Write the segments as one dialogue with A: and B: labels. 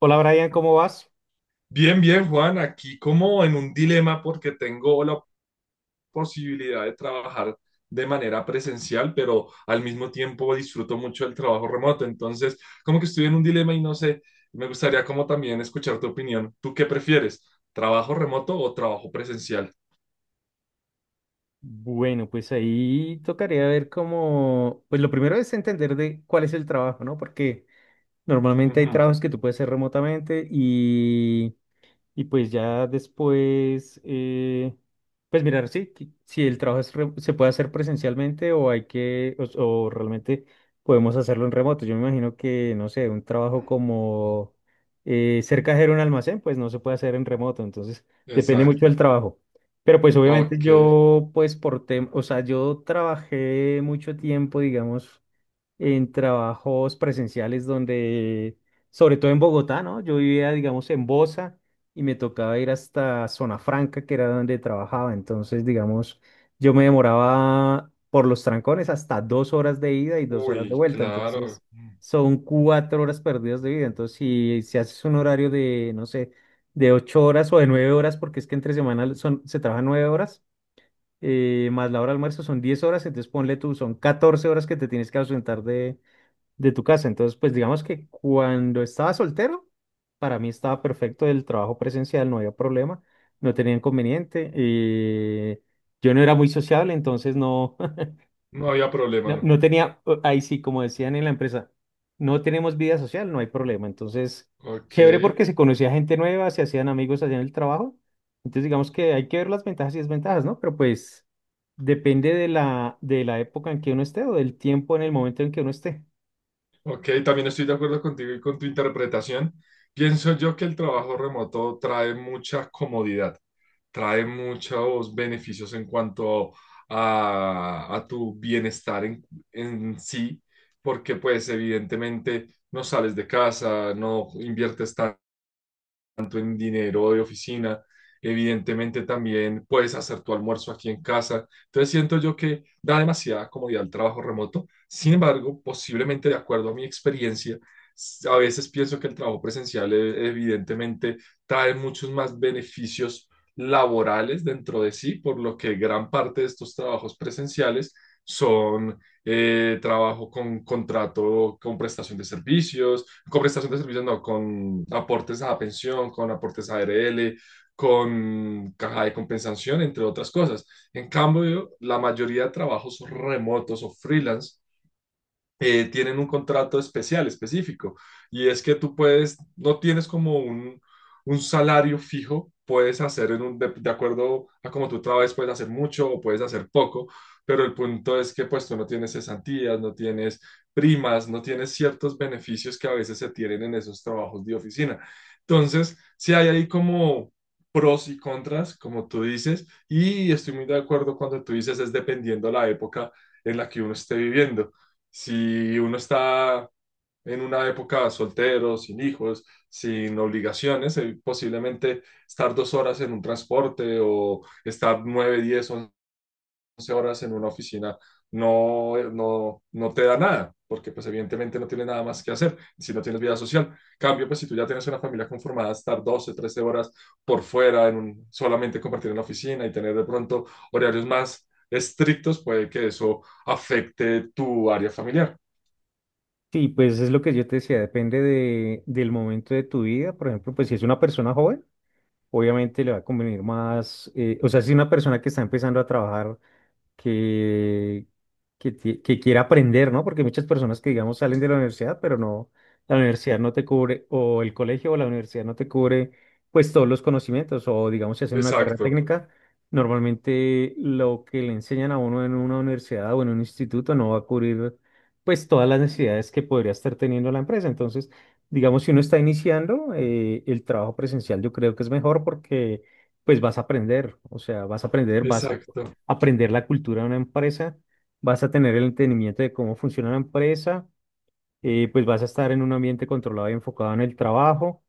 A: Hola Brian, ¿cómo vas?
B: Bien, bien, Juan, aquí como en un dilema porque tengo la posibilidad de trabajar de manera presencial, pero al mismo tiempo disfruto mucho el trabajo remoto. Entonces, como que estoy en un dilema y no sé, me gustaría como también escuchar tu opinión. ¿Tú qué prefieres? ¿Trabajo remoto o trabajo presencial?
A: Bueno, pues ahí tocaría ver cómo, pues lo primero es entender de cuál es el trabajo, ¿no? Porque normalmente hay
B: Ujú,
A: trabajos que tú puedes hacer remotamente. Y pues ya después, pues mirar si, si el trabajo se puede hacer presencialmente o hay que, o realmente podemos hacerlo en remoto. Yo me imagino que, no sé, un trabajo como ser cajero en un almacén, pues no se puede hacer en remoto. Entonces, depende mucho del
B: exacto.
A: trabajo. Pero pues obviamente
B: Ok.
A: yo, pues o sea, yo trabajé mucho tiempo, digamos, en trabajos presenciales donde, sobre todo en Bogotá, ¿no? Yo vivía, digamos, en Bosa y me tocaba ir hasta Zona Franca, que era donde trabajaba. Entonces, digamos, yo me demoraba por los trancones hasta 2 horas de ida y 2 horas de
B: Uy,
A: vuelta.
B: claro.
A: Entonces, son 4 horas perdidas de vida. Entonces, si haces un horario de, no sé, de 8 horas o de 9 horas, porque es que entre semana se trabajan 9 horas. Más la hora de almuerzo son 10 horas, entonces ponle tú, son 14 horas que te tienes que ausentar de tu casa. Entonces, pues digamos que cuando estaba soltero, para mí estaba perfecto el trabajo presencial, no había problema, no tenía inconveniente. Yo no era muy sociable, entonces no,
B: No había problema, ¿no?
A: no tenía, ahí sí, como decían en la empresa, no tenemos vida social, no hay problema. Entonces,
B: Ok.
A: chévere porque se conocía gente nueva, se hacían amigos allá en el trabajo. Entonces, digamos que hay que ver las ventajas y desventajas, ¿no? Pero pues depende de la época en que uno esté o del tiempo en el momento en que uno esté.
B: Ok, también estoy de acuerdo contigo y con tu interpretación. Pienso yo que el trabajo remoto trae mucha comodidad, trae muchos beneficios en cuanto a tu bienestar en sí, porque pues evidentemente no sales de casa, no inviertes tanto gasto en dinero de oficina, evidentemente también puedes hacer tu almuerzo aquí en casa. Entonces siento yo que da demasiada comodidad el trabajo remoto. Sin embargo, posiblemente de acuerdo a mi experiencia, a veces pienso que el trabajo presencial evidentemente trae muchos más beneficios laborales dentro de sí, por lo que gran parte de estos trabajos presenciales son trabajo con contrato, con prestación de servicios, con prestación de servicios, no, con aportes a pensión, con aportes a ARL, con caja de compensación, entre otras cosas. En cambio, la mayoría de trabajos remotos o freelance tienen un contrato especial, específico, y es que tú puedes, no tienes como un salario fijo, puedes hacer en de acuerdo a cómo tú trabajes, puedes hacer mucho o puedes hacer poco, pero el punto es que pues tú no tienes cesantías, no tienes primas, no tienes ciertos beneficios que a veces se tienen en esos trabajos de oficina. Entonces, si hay ahí como pros y contras, como tú dices, y estoy muy de acuerdo cuando tú dices es dependiendo la época en la que uno esté viviendo. Si uno está en una época soltero, sin hijos, sin obligaciones, posiblemente estar 2 horas en un transporte o estar 9, 10, 11 horas en una oficina no, no, no te da nada, porque pues evidentemente no tienes nada más que hacer si no tienes vida social. Cambio, pues si tú ya tienes una familia conformada, estar 12 13 horas por fuera, solamente compartir en la oficina y tener de pronto horarios más estrictos, puede que eso afecte tu área familiar.
A: Sí, pues es lo que yo te decía, depende de, del momento de tu vida. Por ejemplo, pues si es una persona joven, obviamente le va a convenir más, o sea, si es una persona que está empezando a trabajar, que, que quiera aprender, ¿no? Porque muchas personas que, digamos, salen de la universidad, pero no, la universidad no te cubre, o el colegio o la universidad no te cubre, pues todos los conocimientos, o digamos, si hacen una carrera
B: Exacto,
A: técnica, normalmente lo que le enseñan a uno en una universidad o en un instituto no va a cubrir, pues, todas las necesidades que podría estar teniendo la empresa. Entonces, digamos, si uno está iniciando, el trabajo presencial yo creo que es mejor porque, pues, vas a aprender, o sea, vas a
B: exacto.
A: aprender la cultura de una empresa, vas a tener el entendimiento de cómo funciona la empresa, pues vas a estar en un ambiente controlado y enfocado en el trabajo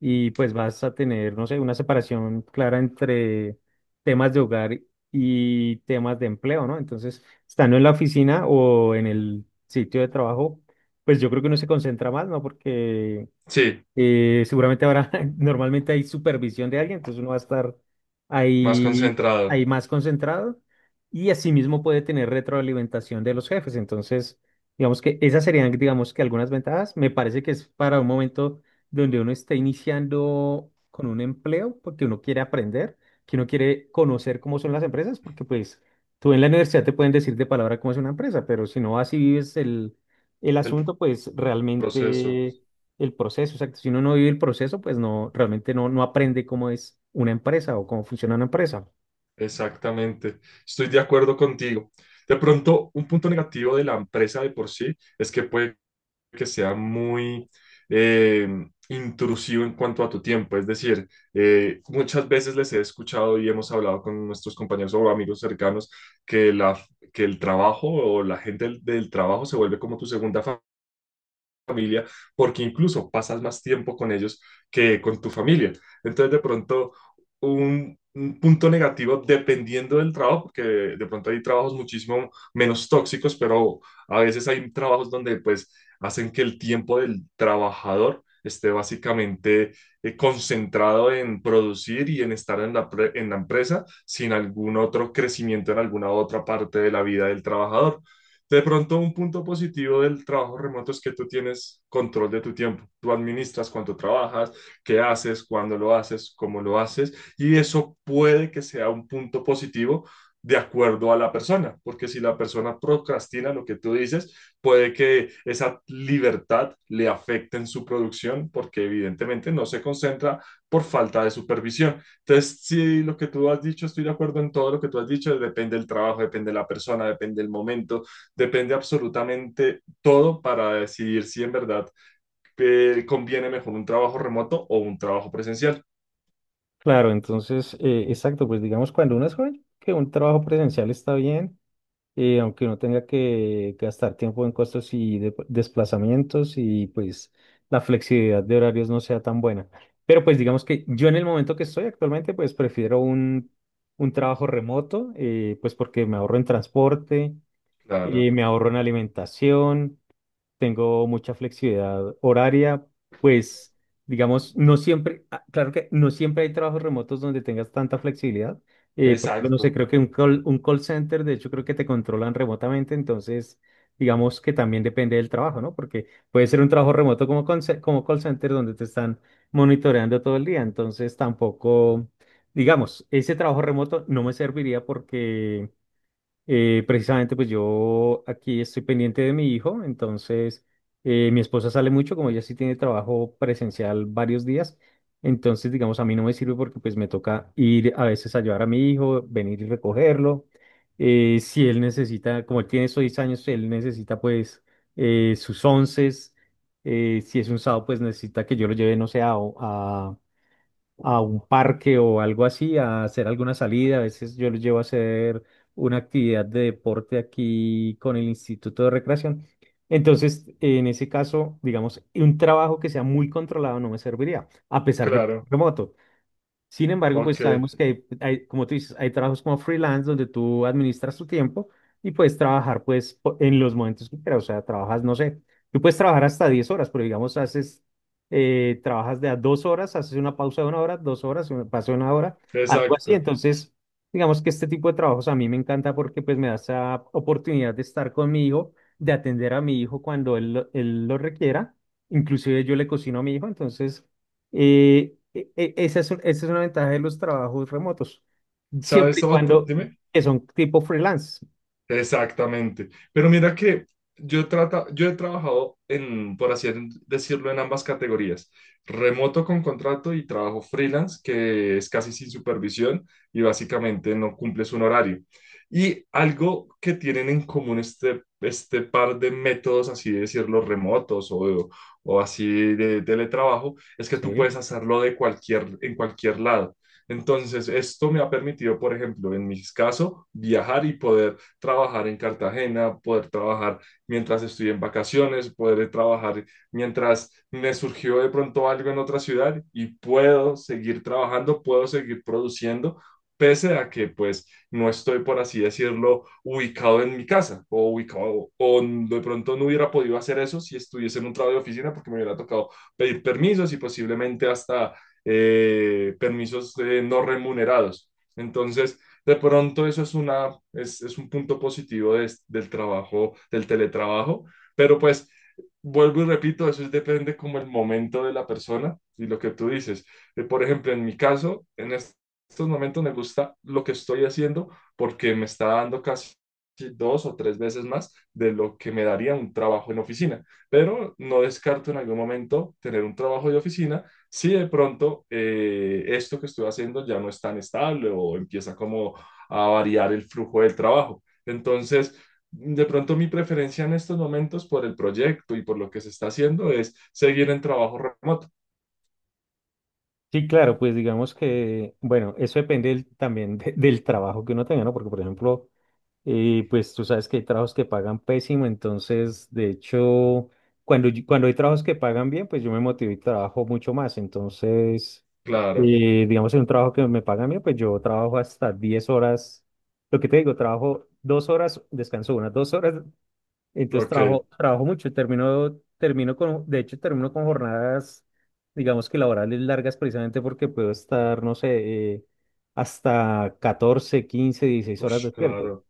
A: y pues vas a tener, no sé, una separación clara entre temas de hogar y temas de empleo, ¿no? Entonces, estando en la oficina o en el sitio de trabajo, pues yo creo que uno se concentra más, ¿no? Porque
B: Sí,
A: seguramente ahora normalmente hay supervisión de alguien, entonces uno va a estar
B: más
A: ahí,
B: concentrado
A: ahí más concentrado y asimismo puede tener retroalimentación de los jefes. Entonces, digamos que esas serían, digamos que algunas ventajas. Me parece que es para un momento donde uno está iniciando con un empleo, porque uno quiere aprender, que uno quiere conocer cómo son las empresas, porque pues tú en la universidad te pueden decir de palabra cómo es una empresa, pero si no así vives el
B: el
A: asunto, pues
B: proceso.
A: realmente el proceso, exacto. Si uno no vive el proceso, pues no, realmente no, no aprende cómo es una empresa o cómo funciona una empresa.
B: Exactamente. Estoy de acuerdo contigo. De pronto, un punto negativo de la empresa de por sí es que puede que sea muy eh, intrusivo en cuanto a tu tiempo. Es decir, muchas veces les he escuchado y hemos hablado con nuestros compañeros o amigos cercanos que, la, que el trabajo o la gente del trabajo se vuelve como tu segunda familia familia, porque incluso pasas más tiempo con ellos que con tu familia. Entonces, de pronto, un punto negativo dependiendo del trabajo, porque de pronto hay trabajos muchísimo menos tóxicos, pero a veces hay trabajos donde pues hacen que el tiempo del trabajador esté básicamente concentrado en producir y en estar en la empresa sin algún otro crecimiento en alguna otra parte de la vida del trabajador. De pronto, un punto positivo del trabajo remoto es que tú tienes control de tu tiempo. Tú administras cuánto trabajas, qué haces, cuándo lo haces, cómo lo haces, y eso puede que sea un punto positivo de acuerdo a la persona, porque si la persona procrastina lo que tú dices, puede que esa libertad le afecte en su producción, porque evidentemente no se concentra por falta de supervisión. Entonces, sí, lo que tú has dicho, estoy de acuerdo en todo lo que tú has dicho, depende del trabajo, depende de la persona, depende del momento, depende absolutamente todo para decidir si en verdad conviene mejor un trabajo remoto o un trabajo presencial.
A: Claro, entonces, exacto, pues digamos, cuando uno es joven, que un trabajo presencial está bien, aunque uno tenga que gastar tiempo en costos y desplazamientos y pues la flexibilidad de horarios no sea tan buena. Pero pues digamos que yo en el momento que estoy actualmente, pues prefiero un trabajo remoto, pues porque me ahorro en transporte,
B: Claro,
A: me ahorro en alimentación, tengo mucha flexibilidad horaria, pues digamos, no siempre, ah, claro que no siempre hay trabajos remotos donde tengas tanta flexibilidad. Por ejemplo, no sé,
B: exacto,
A: creo que un un call center, de hecho, creo que te controlan remotamente, entonces, digamos que también depende del trabajo, ¿no? Porque puede ser un trabajo remoto como, como call center donde te están monitoreando todo el día, entonces tampoco, digamos, ese trabajo remoto no me serviría porque... precisamente, pues yo aquí estoy pendiente de mi hijo, entonces mi esposa sale mucho, como ella sí tiene trabajo presencial varios días, entonces digamos a mí no me sirve porque pues me toca ir a veces a llevar a mi hijo, venir y recogerlo. Si él necesita, como él tiene 6 años, él necesita pues sus onces, si es un sábado pues necesita que yo lo lleve, no sé, a, a un parque o algo así, a hacer alguna salida. A veces yo los llevo a hacer una actividad de deporte aquí con el Instituto de Recreación. Entonces, en ese caso, digamos, un trabajo que sea muy controlado no me serviría, a pesar de que es
B: claro,
A: remoto. Sin embargo,
B: ok,
A: pues sabemos que hay, como tú dices, hay trabajos como freelance donde tú administras tu tiempo y puedes trabajar pues en los momentos que quieras. O sea, trabajas, no sé, tú puedes trabajar hasta 10 horas, pero digamos, trabajas de a 2 horas, haces una pausa de 1 hora, 2 horas, una pausa de una hora, algo así.
B: exacto.
A: Entonces, digamos que este tipo de trabajos a mí me encanta porque pues me da esa oportunidad de estar con mi hijo, de atender a mi hijo cuando él lo requiera. Inclusive yo le cocino a mi hijo, entonces... esa es, esa es una ventaja de los trabajos remotos, siempre
B: ¿Sabes
A: y
B: otro?
A: cuando
B: Dime.
A: que son tipo freelance,
B: Exactamente. Pero mira que yo he trabajado en, por así decirlo, en ambas categorías. Remoto con contrato y trabajo freelance, que es casi sin supervisión y básicamente no cumples un horario. Y algo que tienen en común este par de métodos, así decirlo, remotos o así de teletrabajo, es que
A: ¿sí?
B: tú puedes hacerlo de cualquier, en cualquier lado. Entonces, esto me ha permitido, por ejemplo, en mi caso, viajar y poder trabajar en Cartagena, poder trabajar mientras estoy en vacaciones, poder trabajar mientras me surgió de pronto algo en otra ciudad y puedo seguir trabajando, puedo seguir produciendo, pese a que pues no estoy, por así decirlo, ubicado en mi casa o ubicado o de pronto no hubiera podido hacer eso si estuviese en un trabajo de oficina porque me hubiera tocado pedir permisos y posiblemente hasta permisos no remunerados. Entonces, de pronto eso es una, es un punto positivo del trabajo, del teletrabajo, pero pues vuelvo y repito, eso es- depende como el momento de la persona y lo que tú dices. Por ejemplo, en mi caso, estos momentos me gusta lo que estoy haciendo porque me está dando casi 2 o 3 veces más de lo que me daría un trabajo en oficina, pero no descarto en algún momento tener un trabajo de oficina si de pronto esto que estoy haciendo ya no es tan estable o empieza como a variar el flujo del trabajo. Entonces, de pronto mi preferencia en estos momentos por el proyecto y por lo que se está haciendo es seguir en trabajo remoto.
A: Sí, claro, pues digamos que, bueno, eso depende también del trabajo que uno tenga, ¿no? Porque, por ejemplo, y pues tú sabes que hay trabajos que pagan pésimo, entonces de hecho, cuando hay trabajos que pagan bien, pues yo me motivo y trabajo mucho más. Entonces,
B: Claro,
A: digamos, en un trabajo que me pagan bien, pues yo trabajo hasta 10 horas. Lo que te digo, trabajo 2 horas, descanso unas 2 horas. Entonces
B: ok,
A: trabajo mucho, termino con, de hecho, termino con jornadas, digamos que laborales largas precisamente porque puedo estar, no sé, hasta 14, 15, 16 horas
B: Ush,
A: despierto.
B: claro,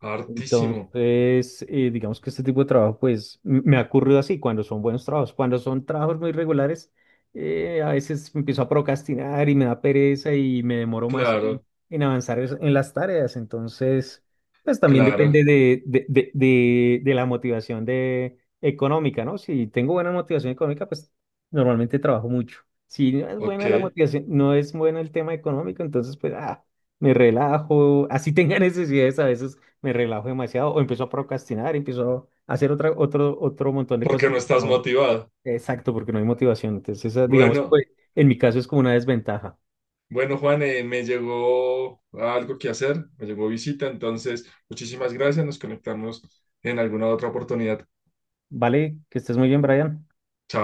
B: hartísimo,
A: Entonces, digamos que este tipo de trabajo, pues, me ha ocurrido así cuando son buenos trabajos. Cuando son trabajos muy regulares, a veces me empiezo a procrastinar y me da pereza y me demoro más
B: claro,
A: en avanzar en las tareas. Entonces, pues también
B: claro,
A: depende de la motivación económica, ¿no? Si tengo buena motivación económica, pues normalmente trabajo mucho. Si no es
B: ok,
A: buena la motivación, no es bueno el tema económico, entonces, pues, ah, me relajo. Así tenga necesidades a veces me relajo demasiado o empiezo a procrastinar, empiezo a hacer otro, otro montón de
B: porque
A: cosas.
B: no estás
A: No,
B: motivado.
A: exacto, porque no hay motivación. Entonces, esa, digamos,
B: Bueno,
A: pues, en mi caso es como una desventaja.
B: bueno, Juan, me llegó algo que hacer, me llegó visita, entonces muchísimas gracias, nos conectamos en alguna otra oportunidad.
A: Vale, que estés muy bien, Brian.
B: Chao.